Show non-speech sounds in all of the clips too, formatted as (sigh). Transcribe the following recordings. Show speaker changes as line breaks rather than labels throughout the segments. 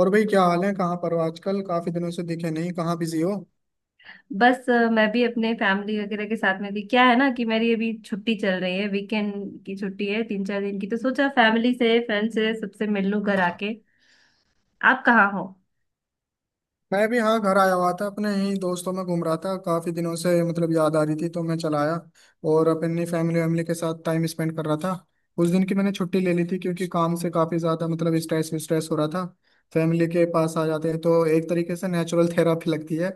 और भाई क्या हाल है। कहाँ पर हो आजकल? काफी दिनों से दिखे नहीं, कहाँ बिजी हो?
बस मैं भी अपने फैमिली वगैरह के साथ में थी। क्या है ना कि मेरी अभी छुट्टी चल रही है, वीकेंड की छुट्टी है, तीन चार दिन की, तो सोचा फैमिली से, फ्रेंड से, सबसे मिल लूं घर आके। आप कहाँ हो?
मैं भी हाँ घर आया हुआ था, अपने ही दोस्तों में घूम रहा था। काफी दिनों से मतलब याद आ रही थी तो मैं चला आया और अपनी फैमिली वैमिली के साथ टाइम स्पेंड कर रहा था। उस दिन की मैंने छुट्टी ले ली थी क्योंकि काम से काफी ज्यादा मतलब स्ट्रेस स्ट्रेस हो रहा था। फैमिली के पास आ जाते हैं तो एक तरीके से नेचुरल थेरापी लगती है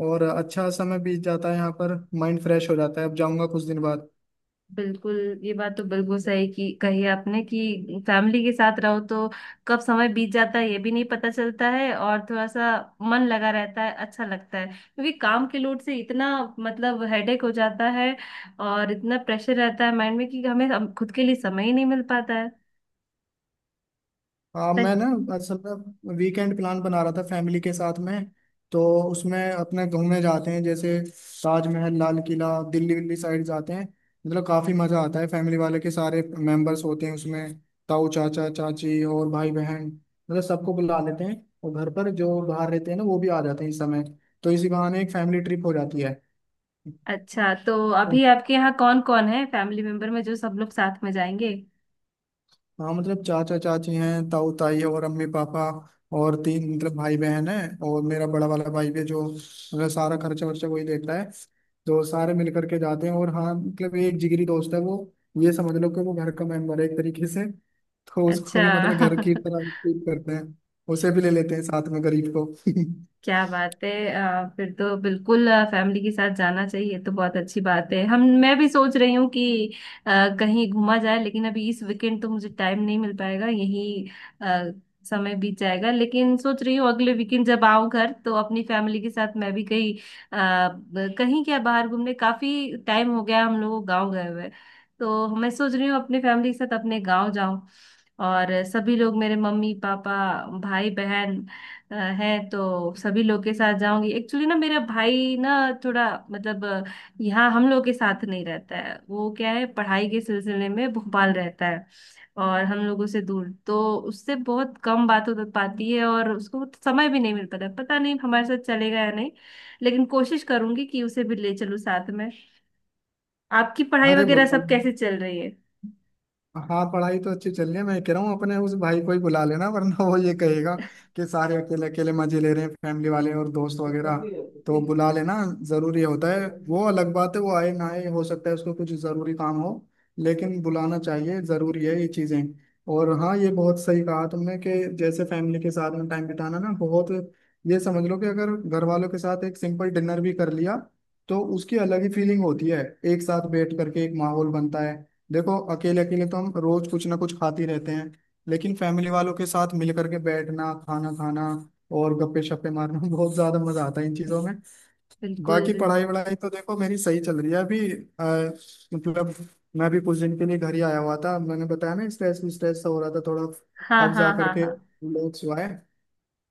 और अच्छा समय बीत जाता है, यहाँ पर माइंड फ्रेश हो जाता है। अब जाऊँगा कुछ दिन बाद।
बिल्कुल। ये बात तो बिल्कुल सही की कही आपने कि फैमिली के साथ रहो तो कब समय बीत जाता है ये भी नहीं पता चलता है, और थोड़ा सा मन लगा रहता है, अच्छा लगता है, क्योंकि काम के लोड से इतना मतलब हेडेक हो जाता है। और इतना प्रेशर रहता है माइंड में कि हमें खुद के लिए समय ही नहीं मिल पाता है।
हाँ मैं ना असल में वीकेंड प्लान बना रहा था फैमिली के साथ में। तो उसमें अपने घूमने जाते हैं, जैसे ताजमहल, लाल किला, दिल्ली विल्ली साइड जाते हैं। मतलब काफ़ी मज़ा आता है, फैमिली वाले के सारे मेंबर्स होते हैं उसमें। ताऊ, चाचा, चाची और भाई बहन, मतलब सबको बुला लेते हैं। और घर पर जो बाहर रहते हैं ना, वो भी आ जाते हैं इस समय। तो इसी बहाने एक फैमिली ट्रिप हो जाती
अच्छा। तो
है।
अभी आपके यहाँ कौन कौन है फैमिली मेंबर में जो सब लोग साथ में जाएंगे?
हाँ मतलब चाचा चाची हैं, ताऊ ताई और अम्मी पापा, और तीन मतलब भाई बहन हैं। और मेरा बड़ा वाला भाई भी है जो मतलब सारा खर्चा वर्चा वही देता है। तो सारे मिल करके जाते हैं। और हाँ मतलब एक जिगरी दोस्त है वो, ये समझ लो कि वो घर का मेंबर है एक तरीके से, तो उसको
अच्छा।
भी मतलब घर की
(laughs)
तरह ट्रीट करते हैं। उसे भी ले लेते हैं साथ में गरीब को। (laughs)
क्या बात है! फिर तो बिल्कुल फैमिली के साथ जाना चाहिए, तो बहुत अच्छी बात है। हम मैं भी सोच रही हूँ कि अ, कहीं घूमा जाए, लेकिन अभी इस वीकेंड तो मुझे टाइम नहीं मिल पाएगा, यही अ, समय बीत जाएगा। लेकिन सोच रही हूँ अगले वीकेंड जब आऊँ घर तो अपनी फैमिली के साथ मैं भी कहीं आ, कहीं क्या बाहर घूमने। काफी टाइम हो गया हम लोग गाँव गए हुए, तो मैं सोच रही हूँ अपने फैमिली के साथ अपने गाँव जाऊँ। और सभी लोग, मेरे मम्मी पापा, भाई बहन अ, है, तो सभी लोग के साथ जाऊंगी। एक्चुअली ना मेरा भाई ना, थोड़ा मतलब यहाँ हम लोग के साथ नहीं रहता है, वो क्या है पढ़ाई के सिलसिले में भोपाल रहता है, और हम लोगों से दूर। तो उससे बहुत कम बात हो पाती है और उसको समय भी नहीं मिल पाता, पता नहीं हमारे साथ चलेगा या नहीं, लेकिन कोशिश करूंगी कि उसे भी ले चलूँ साथ में। आपकी पढ़ाई
अरे
वगैरह
बोलो।
सब कैसे चल रही है?
हाँ पढ़ाई तो अच्छी चल रही है। मैं कह रहा हूँ अपने उस भाई को ही बुला लेना, वरना वो ये कहेगा कि सारे अकेले अकेले मजे ले रहे हैं फैमिली वाले और दोस्त वगैरह। तो बुला लेना जरूरी होता है। वो अलग बात है वो आए ना आए, हो सकता है उसको कुछ जरूरी काम हो, लेकिन बुलाना चाहिए, जरूरी है ये चीजें। और हाँ ये बहुत सही कहा तुमने कि जैसे फैमिली के साथ में टाइम बिताना ना बहुत, ये समझ लो कि अगर घर वालों के साथ एक सिंपल डिनर भी कर लिया तो उसकी अलग ही फीलिंग होती है। एक साथ बैठ करके एक माहौल बनता है। देखो अकेले अकेले तो हम रोज कुछ ना कुछ खाते ही रहते हैं, लेकिन फैमिली वालों के साथ मिल करके बैठना, खाना खाना और गप्पे शप्पे मारना (laughs) बहुत ज्यादा मजा आता है इन चीजों में।
बिल्कुल,
बाकी
बिल्कुल।
पढ़ाई वढ़ाई तो देखो मेरी सही चल रही है अभी। मतलब मैं भी कुछ दिन के लिए घर ही आया हुआ था, मैंने बताया ना स्ट्रेस स्ट्रेस सा हो रहा था थोड़ा।
हाँ,
अब
हाँ,
जा
हाँ,
करके
हाँ।
रिलैक्स हुआ है।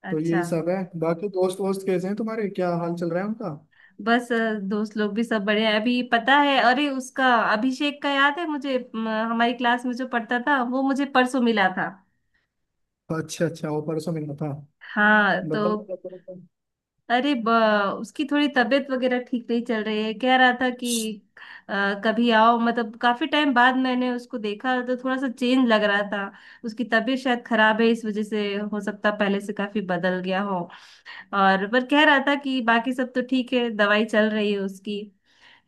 तो
अच्छा।
यही सब है। बाकी दोस्त वोस्त कैसे हैं तुम्हारे, क्या हाल चल रहा है उनका?
बस दोस्त लोग भी सब बढ़िया है। अभी पता है, अरे उसका अभिषेक का याद है मुझे, हमारी क्लास में जो पढ़ता था, वो मुझे परसों मिला था।
अच्छा अच्छा वो परसों मिला था?
हाँ,
बताओ
तो
क्या कर रहे
अरे उसकी थोड़ी तबीयत वगैरह ठीक नहीं चल रही है। कह रहा था कि
थे?
कभी आओ। मतलब काफी टाइम बाद मैंने उसको देखा तो थोड़ा सा चेंज लग रहा था, उसकी तबीयत शायद खराब है इस वजह से, हो सकता है पहले से काफी बदल गया हो। और पर कह रहा था कि बाकी सब तो ठीक है, दवाई चल रही है उसकी।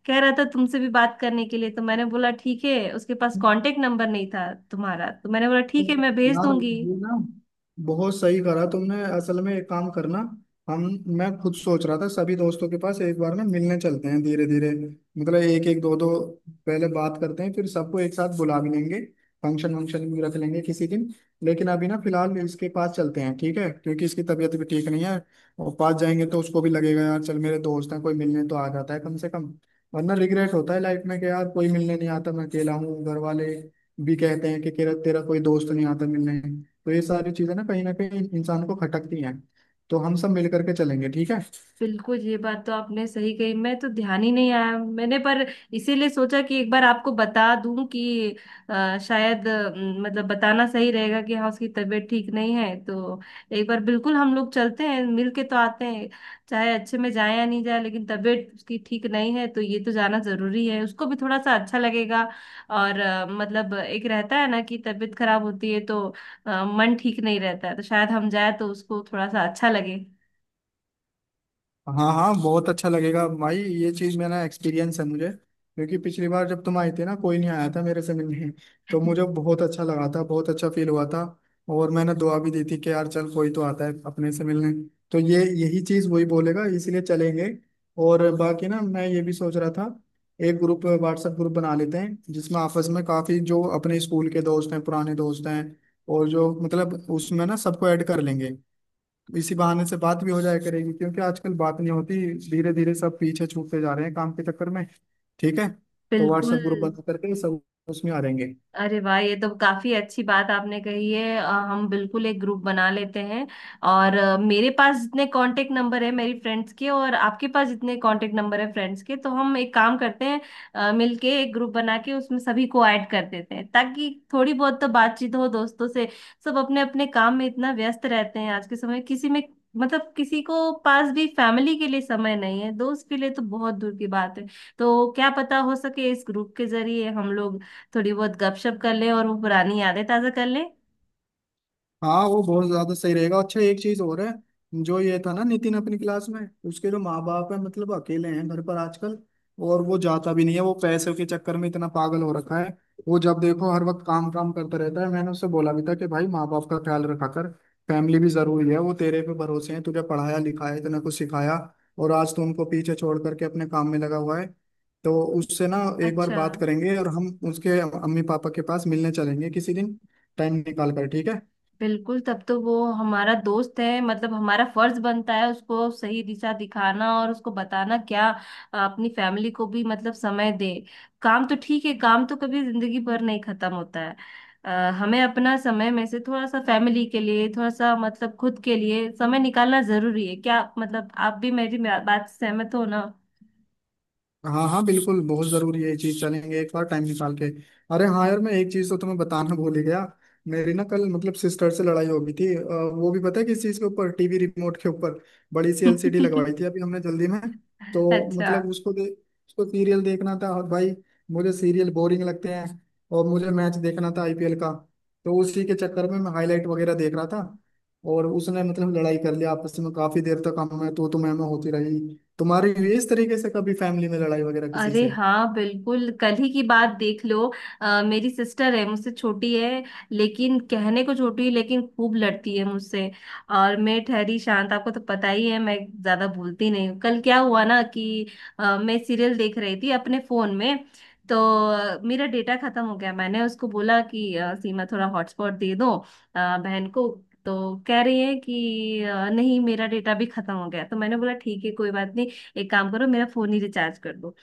कह रहा था तुमसे भी बात करने के लिए, तो मैंने बोला ठीक है। उसके पास कांटेक्ट नंबर नहीं था तुम्हारा, तो मैंने बोला ठीक है, मैं भेज
यार
दूंगी।
ये ना बहुत सही करा तुमने, असल में एक काम करना। हम मैं खुद सोच रहा था सभी दोस्तों के पास एक बार में मिलने चलते हैं धीरे धीरे। मतलब एक एक, दो दो पहले बात करते हैं, फिर सबको एक साथ बुला भी लेंगे, फंक्शन वंक्शन भी रख लेंगे किसी दिन। लेकिन अभी ना फिलहाल इसके पास चलते हैं, ठीक है, क्योंकि इसकी तबीयत भी ठीक नहीं है। और पास जाएंगे तो उसको भी लगेगा यार चल मेरे दोस्त हैं, कोई मिलने तो आ जाता है कम से कम। वरना रिग्रेट होता है लाइफ में कि यार कोई मिलने नहीं आता, मैं अकेला हूँ, घर वाले भी कहते हैं कि तेरा तेरा कोई दोस्त नहीं आता मिलने। तो ये सारी चीजें ना कहीं इंसान को खटकती हैं। तो हम सब मिल करके चलेंगे, ठीक है।
बिल्कुल, ये बात तो आपने सही कही, मैं तो ध्यान ही नहीं आया मैंने। पर इसीलिए सोचा कि एक बार आपको बता दूं कि शायद मतलब बताना सही रहेगा कि हाँ, उसकी तबीयत ठीक नहीं है। तो एक बार बिल्कुल हम लोग चलते हैं मिल के तो आते हैं, चाहे अच्छे में जाए या नहीं जाए, लेकिन तबीयत उसकी ठीक नहीं है तो ये तो जाना जरूरी है, उसको भी थोड़ा सा अच्छा लगेगा। और मतलब एक रहता है ना कि तबीयत खराब होती है तो मन ठीक नहीं रहता है, तो शायद हम जाए तो उसको थोड़ा सा अच्छा लगे।
हाँ हाँ बहुत अच्छा लगेगा भाई। ये चीज मेरा एक्सपीरियंस है मुझे, क्योंकि पिछली बार जब तुम आई थी ना कोई नहीं आया था मेरे से मिलने, तो मुझे बहुत अच्छा लगा था, बहुत अच्छा फील हुआ था। और मैंने दुआ भी दी थी कि यार चल कोई तो आता है अपने से मिलने। तो ये यही चीज वही बोलेगा, इसलिए चलेंगे। और बाकी ना मैं ये भी सोच रहा था एक ग्रुप, व्हाट्सएप ग्रुप बना लेते हैं जिसमें आपस में काफी जो अपने स्कूल के दोस्त हैं, पुराने दोस्त हैं, और जो मतलब उसमें ना सबको ऐड कर लेंगे। इसी बहाने से बात भी हो जाया करेगी क्योंकि आजकल बात नहीं होती, धीरे धीरे सब पीछे छूटते जा रहे हैं काम के चक्कर में, ठीक है। तो
बिल्कुल।
व्हाट्सएप ग्रुप बना करके सब उसमें आ जाएंगे।
अरे वाह, ये तो काफी अच्छी बात आपने कही है। हम बिल्कुल एक ग्रुप बना लेते हैं। और मेरे पास जितने कांटेक्ट नंबर है मेरी फ्रेंड्स के और आपके पास जितने कांटेक्ट नंबर है फ्रेंड्स के, तो हम एक काम करते हैं, मिलके एक ग्रुप बना के उसमें सभी को ऐड कर देते हैं, ताकि थोड़ी बहुत तो बातचीत हो दोस्तों से। सब अपने अपने काम में इतना व्यस्त रहते हैं आज के समय में, किसी में मतलब किसी को पास भी फैमिली के लिए समय नहीं है, दोस्त के लिए तो बहुत दूर की बात है। तो क्या पता, हो सके इस ग्रुप के जरिए हम लोग थोड़ी बहुत गपशप कर ले और वो पुरानी यादें ताजा कर ले।
हाँ वो बहुत ज्यादा सही रहेगा। अच्छा एक चीज और है, जो ये था ना नितिन अपनी क्लास में, उसके जो माँ बाप है मतलब अकेले हैं घर पर आजकल, और वो जाता भी नहीं है, वो पैसों के चक्कर में इतना पागल हो रखा है। वो जब देखो हर वक्त काम काम करता रहता है। मैंने उससे बोला भी था कि भाई माँ बाप का ख्याल रखा कर, फैमिली भी जरूरी है, वो तेरे पे भरोसे हैं, तुझे पढ़ाया लिखाया इतना कुछ सिखाया, और आज तू उनको पीछे छोड़ करके अपने काम में लगा हुआ है। तो उससे ना एक बार
अच्छा।
बात करेंगे और हम उसके अम्मी पापा के पास मिलने चलेंगे किसी दिन टाइम निकाल कर, ठीक है।
बिल्कुल, तब तो वो हमारा दोस्त है, मतलब हमारा फर्ज बनता है उसको सही दिशा दिखाना और उसको बताना क्या अपनी फैमिली को भी मतलब समय दे। काम तो ठीक है, काम तो कभी जिंदगी भर नहीं खत्म होता है। हमें अपना समय में से थोड़ा सा फैमिली के लिए, थोड़ा सा मतलब खुद के लिए समय निकालना जरूरी है। क्या मतलब, आप भी मेरी बात से सहमत हो ना?
हाँ हाँ बिल्कुल बहुत जरूरी है ये चीज, चलेंगे एक बार टाइम निकाल के। अरे हाँ यार मैं एक चीज तो तुम्हें बताना भूल ही गया। मेरी ना कल मतलब सिस्टर से लड़ाई हो गई थी। वो भी पता है किस चीज के ऊपर? टीवी रिमोट के ऊपर। बड़ी सी एलसीडी
(laughs)
लगवाई थी अभी हमने जल्दी में, तो
अच्छा।
मतलब उसको सीरियल देखना था, और भाई मुझे सीरियल बोरिंग लगते हैं, और मुझे मैच देखना था आईपीएल का। तो उसी के चक्कर में मैं हाईलाइट वगैरह देख रहा था, और उसने मतलब लड़ाई कर लिया आपस में। काफी देर तक हमें तो मैं होती रही। तुम्हारी हुई है इस तरीके से कभी फैमिली में लड़ाई वगैरह किसी
अरे हाँ, बिल्कुल, कल ही की बात देख लो। मेरी सिस्टर है, मुझसे छोटी है, लेकिन कहने को छोटी है लेकिन खूब लड़ती है मुझसे। और मैं ठहरी शांत, आपको तो पता ही है मैं ज्यादा बोलती नहीं हूँ। कल क्या हुआ ना कि मैं सीरियल देख रही थी अपने फोन में, तो मेरा डेटा खत्म हो गया। मैंने उसको बोला कि सीमा थोड़ा हॉटस्पॉट दे दो, बहन को। तो कह रही है कि नहीं मेरा डेटा भी खत्म हो गया। तो मैंने बोला ठीक है कोई बात नहीं, एक काम करो मेरा फोन ही रिचार्ज कर दो।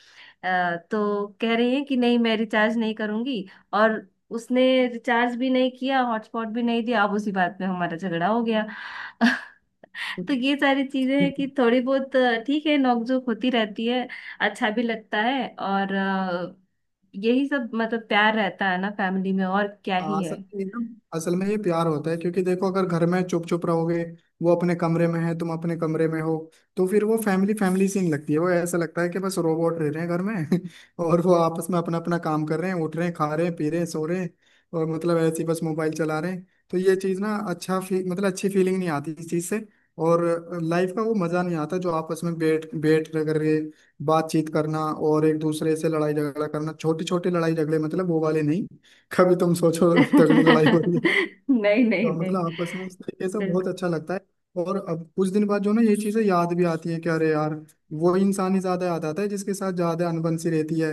तो कह रही है कि नहीं मैं रिचार्ज नहीं करूंगी। और उसने रिचार्ज भी नहीं किया, हॉटस्पॉट भी नहीं दिया। अब उसी बात में हमारा झगड़ा हो गया। (laughs) तो ये सारी चीजें हैं
से?
कि थोड़ी बहुत ठीक है, नोकझोंक होती रहती है, अच्छा भी लगता है। और यही सब मतलब प्यार रहता है ना फैमिली में, और क्या
हाँ
ही है।
असल में ये ना, असल में ये प्यार होता है। क्योंकि देखो अगर घर में चुप चुप रहोगे, वो अपने कमरे में है, तुम अपने कमरे में हो, तो फिर वो फैमिली फैमिली सीन लगती है, वो ऐसा लगता है कि बस रोबोट रह रहे हैं घर में (laughs) और वो आपस में अपना अपना काम कर रहे हैं, उठ रहे हैं, खा रहे हैं, पी रहे हैं, सो रहे हैं, और मतलब ऐसे ही बस मोबाइल चला रहे हैं। तो ये चीज़ ना अच्छा मतलब अच्छी फीलिंग नहीं आती इस चीज़ से। और लाइफ का वो मज़ा नहीं आता जो आपस में बैठ बैठ करके बातचीत करना, और एक दूसरे से लड़ाई झगड़ा करना, छोटी छोटी लड़ाई झगड़े, मतलब वो वाले नहीं, कभी तुम
(laughs)
सोचो तगड़ी लड़ाई हो रही है।
नहीं, नहीं,
तो
नहीं।
मतलब आपस में इस तरीके से बहुत
बिल्कुल,
अच्छा लगता है। और अब कुछ दिन बाद जो ना ये चीजें याद भी आती है कि अरे यार, वो इंसान ही ज्यादा याद आता है जिसके साथ ज्यादा अनबन सी रहती है।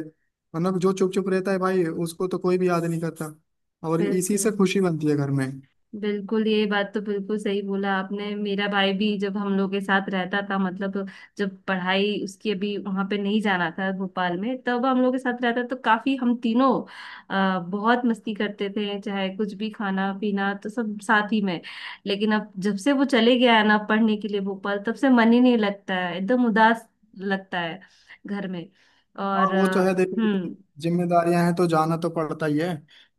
मतलब जो चुप चुप रहता है भाई उसको तो कोई भी याद नहीं करता। और इसी
बिल्कुल।
से खुशी बनती है घर में।
बिल्कुल ये बात तो बिल्कुल सही बोला आपने। मेरा भाई भी जब हम लोग के साथ रहता था, मतलब जब पढ़ाई उसकी अभी वहां पे नहीं जाना था भोपाल में, तब हम लोग के साथ रहता, तो काफी हम तीनों बहुत मस्ती करते थे, चाहे कुछ भी खाना पीना तो सब साथ ही में। लेकिन अब जब से वो चले गया है ना पढ़ने के लिए भोपाल, तब से मन ही नहीं लगता है, एकदम उदास लगता है घर में।
हाँ
और
वो तो है देखो,
हम्म।
जिम्मेदारियां हैं तो जाना तो पड़ता ही है।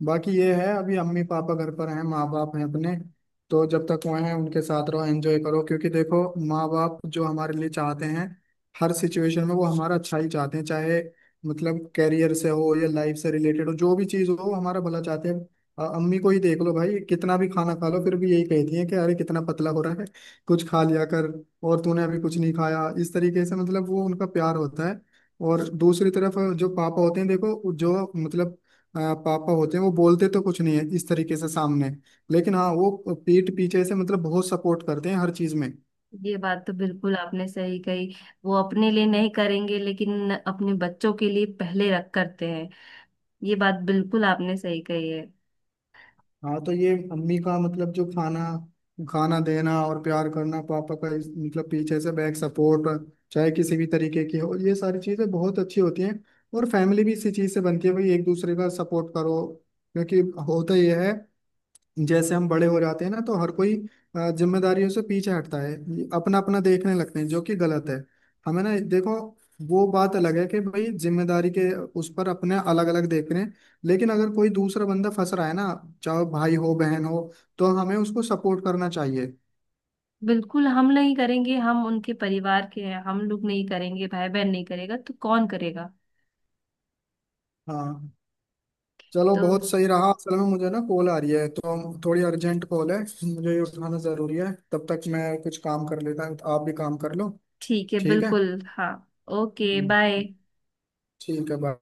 बाकी ये है अभी अम्मी पापा घर पर हैं, माँ बाप हैं अपने, तो जब तक वो हैं उनके साथ रहो, एंजॉय करो। क्योंकि देखो माँ बाप जो हमारे लिए चाहते हैं, हर सिचुएशन में वो हमारा अच्छा ही चाहते हैं, चाहे मतलब कैरियर से हो या लाइफ से रिलेटेड हो, जो भी चीज़ हो वो हमारा भला चाहते हैं। अम्मी को ही देख लो भाई, कितना भी खाना खा लो फिर भी यही कहती है कि अरे कितना पतला हो रहा है, कुछ खा लिया कर, और तूने अभी कुछ नहीं खाया। इस तरीके से मतलब वो उनका प्यार होता है। और दूसरी तरफ जो पापा होते हैं देखो, पापा होते हैं वो बोलते तो कुछ नहीं है इस तरीके से सामने, लेकिन हाँ वो पीठ पीछे से मतलब बहुत सपोर्ट करते हैं हर चीज में।
ये बात तो बिल्कुल आपने सही कही। वो अपने लिए नहीं करेंगे लेकिन अपने बच्चों के लिए पहले रख करते हैं। ये बात बिल्कुल आपने सही कही है।
हाँ तो ये अम्मी का मतलब जो खाना खाना देना और प्यार करना, पापा का मतलब पीछे से बैक सपोर्ट, चाहे किसी भी तरीके की हो, ये सारी चीजें बहुत अच्छी होती हैं। और फैमिली भी इसी चीज से बनती है भाई, एक दूसरे का सपोर्ट करो। क्योंकि होता यह है जैसे हम बड़े हो जाते हैं ना तो हर कोई जिम्मेदारियों से पीछे हटता है, अपना अपना देखने लगते हैं, जो कि गलत है। हमें ना देखो, वो बात अलग है कि भाई जिम्मेदारी के उस पर अपने अलग अलग देख रहे हैं, लेकिन अगर कोई दूसरा बंदा फंस रहा है ना, चाहे भाई हो बहन हो, तो हमें उसको सपोर्ट करना चाहिए।
बिल्कुल, हम नहीं करेंगे, हम उनके परिवार के हैं, हम लोग नहीं करेंगे, भाई बहन नहीं करेगा तो कौन करेगा।
हाँ चलो
तो
बहुत सही रहा। असल में मुझे ना कॉल आ रही है तो थोड़ी अर्जेंट कॉल है, मुझे ये उठाना जरूरी है। तब तक मैं कुछ काम कर लेता हूँ, आप भी काम कर लो,
ठीक है,
ठीक है।
बिल्कुल, हाँ। ओके,
हम्म,
बाय।
ठीक है बाय।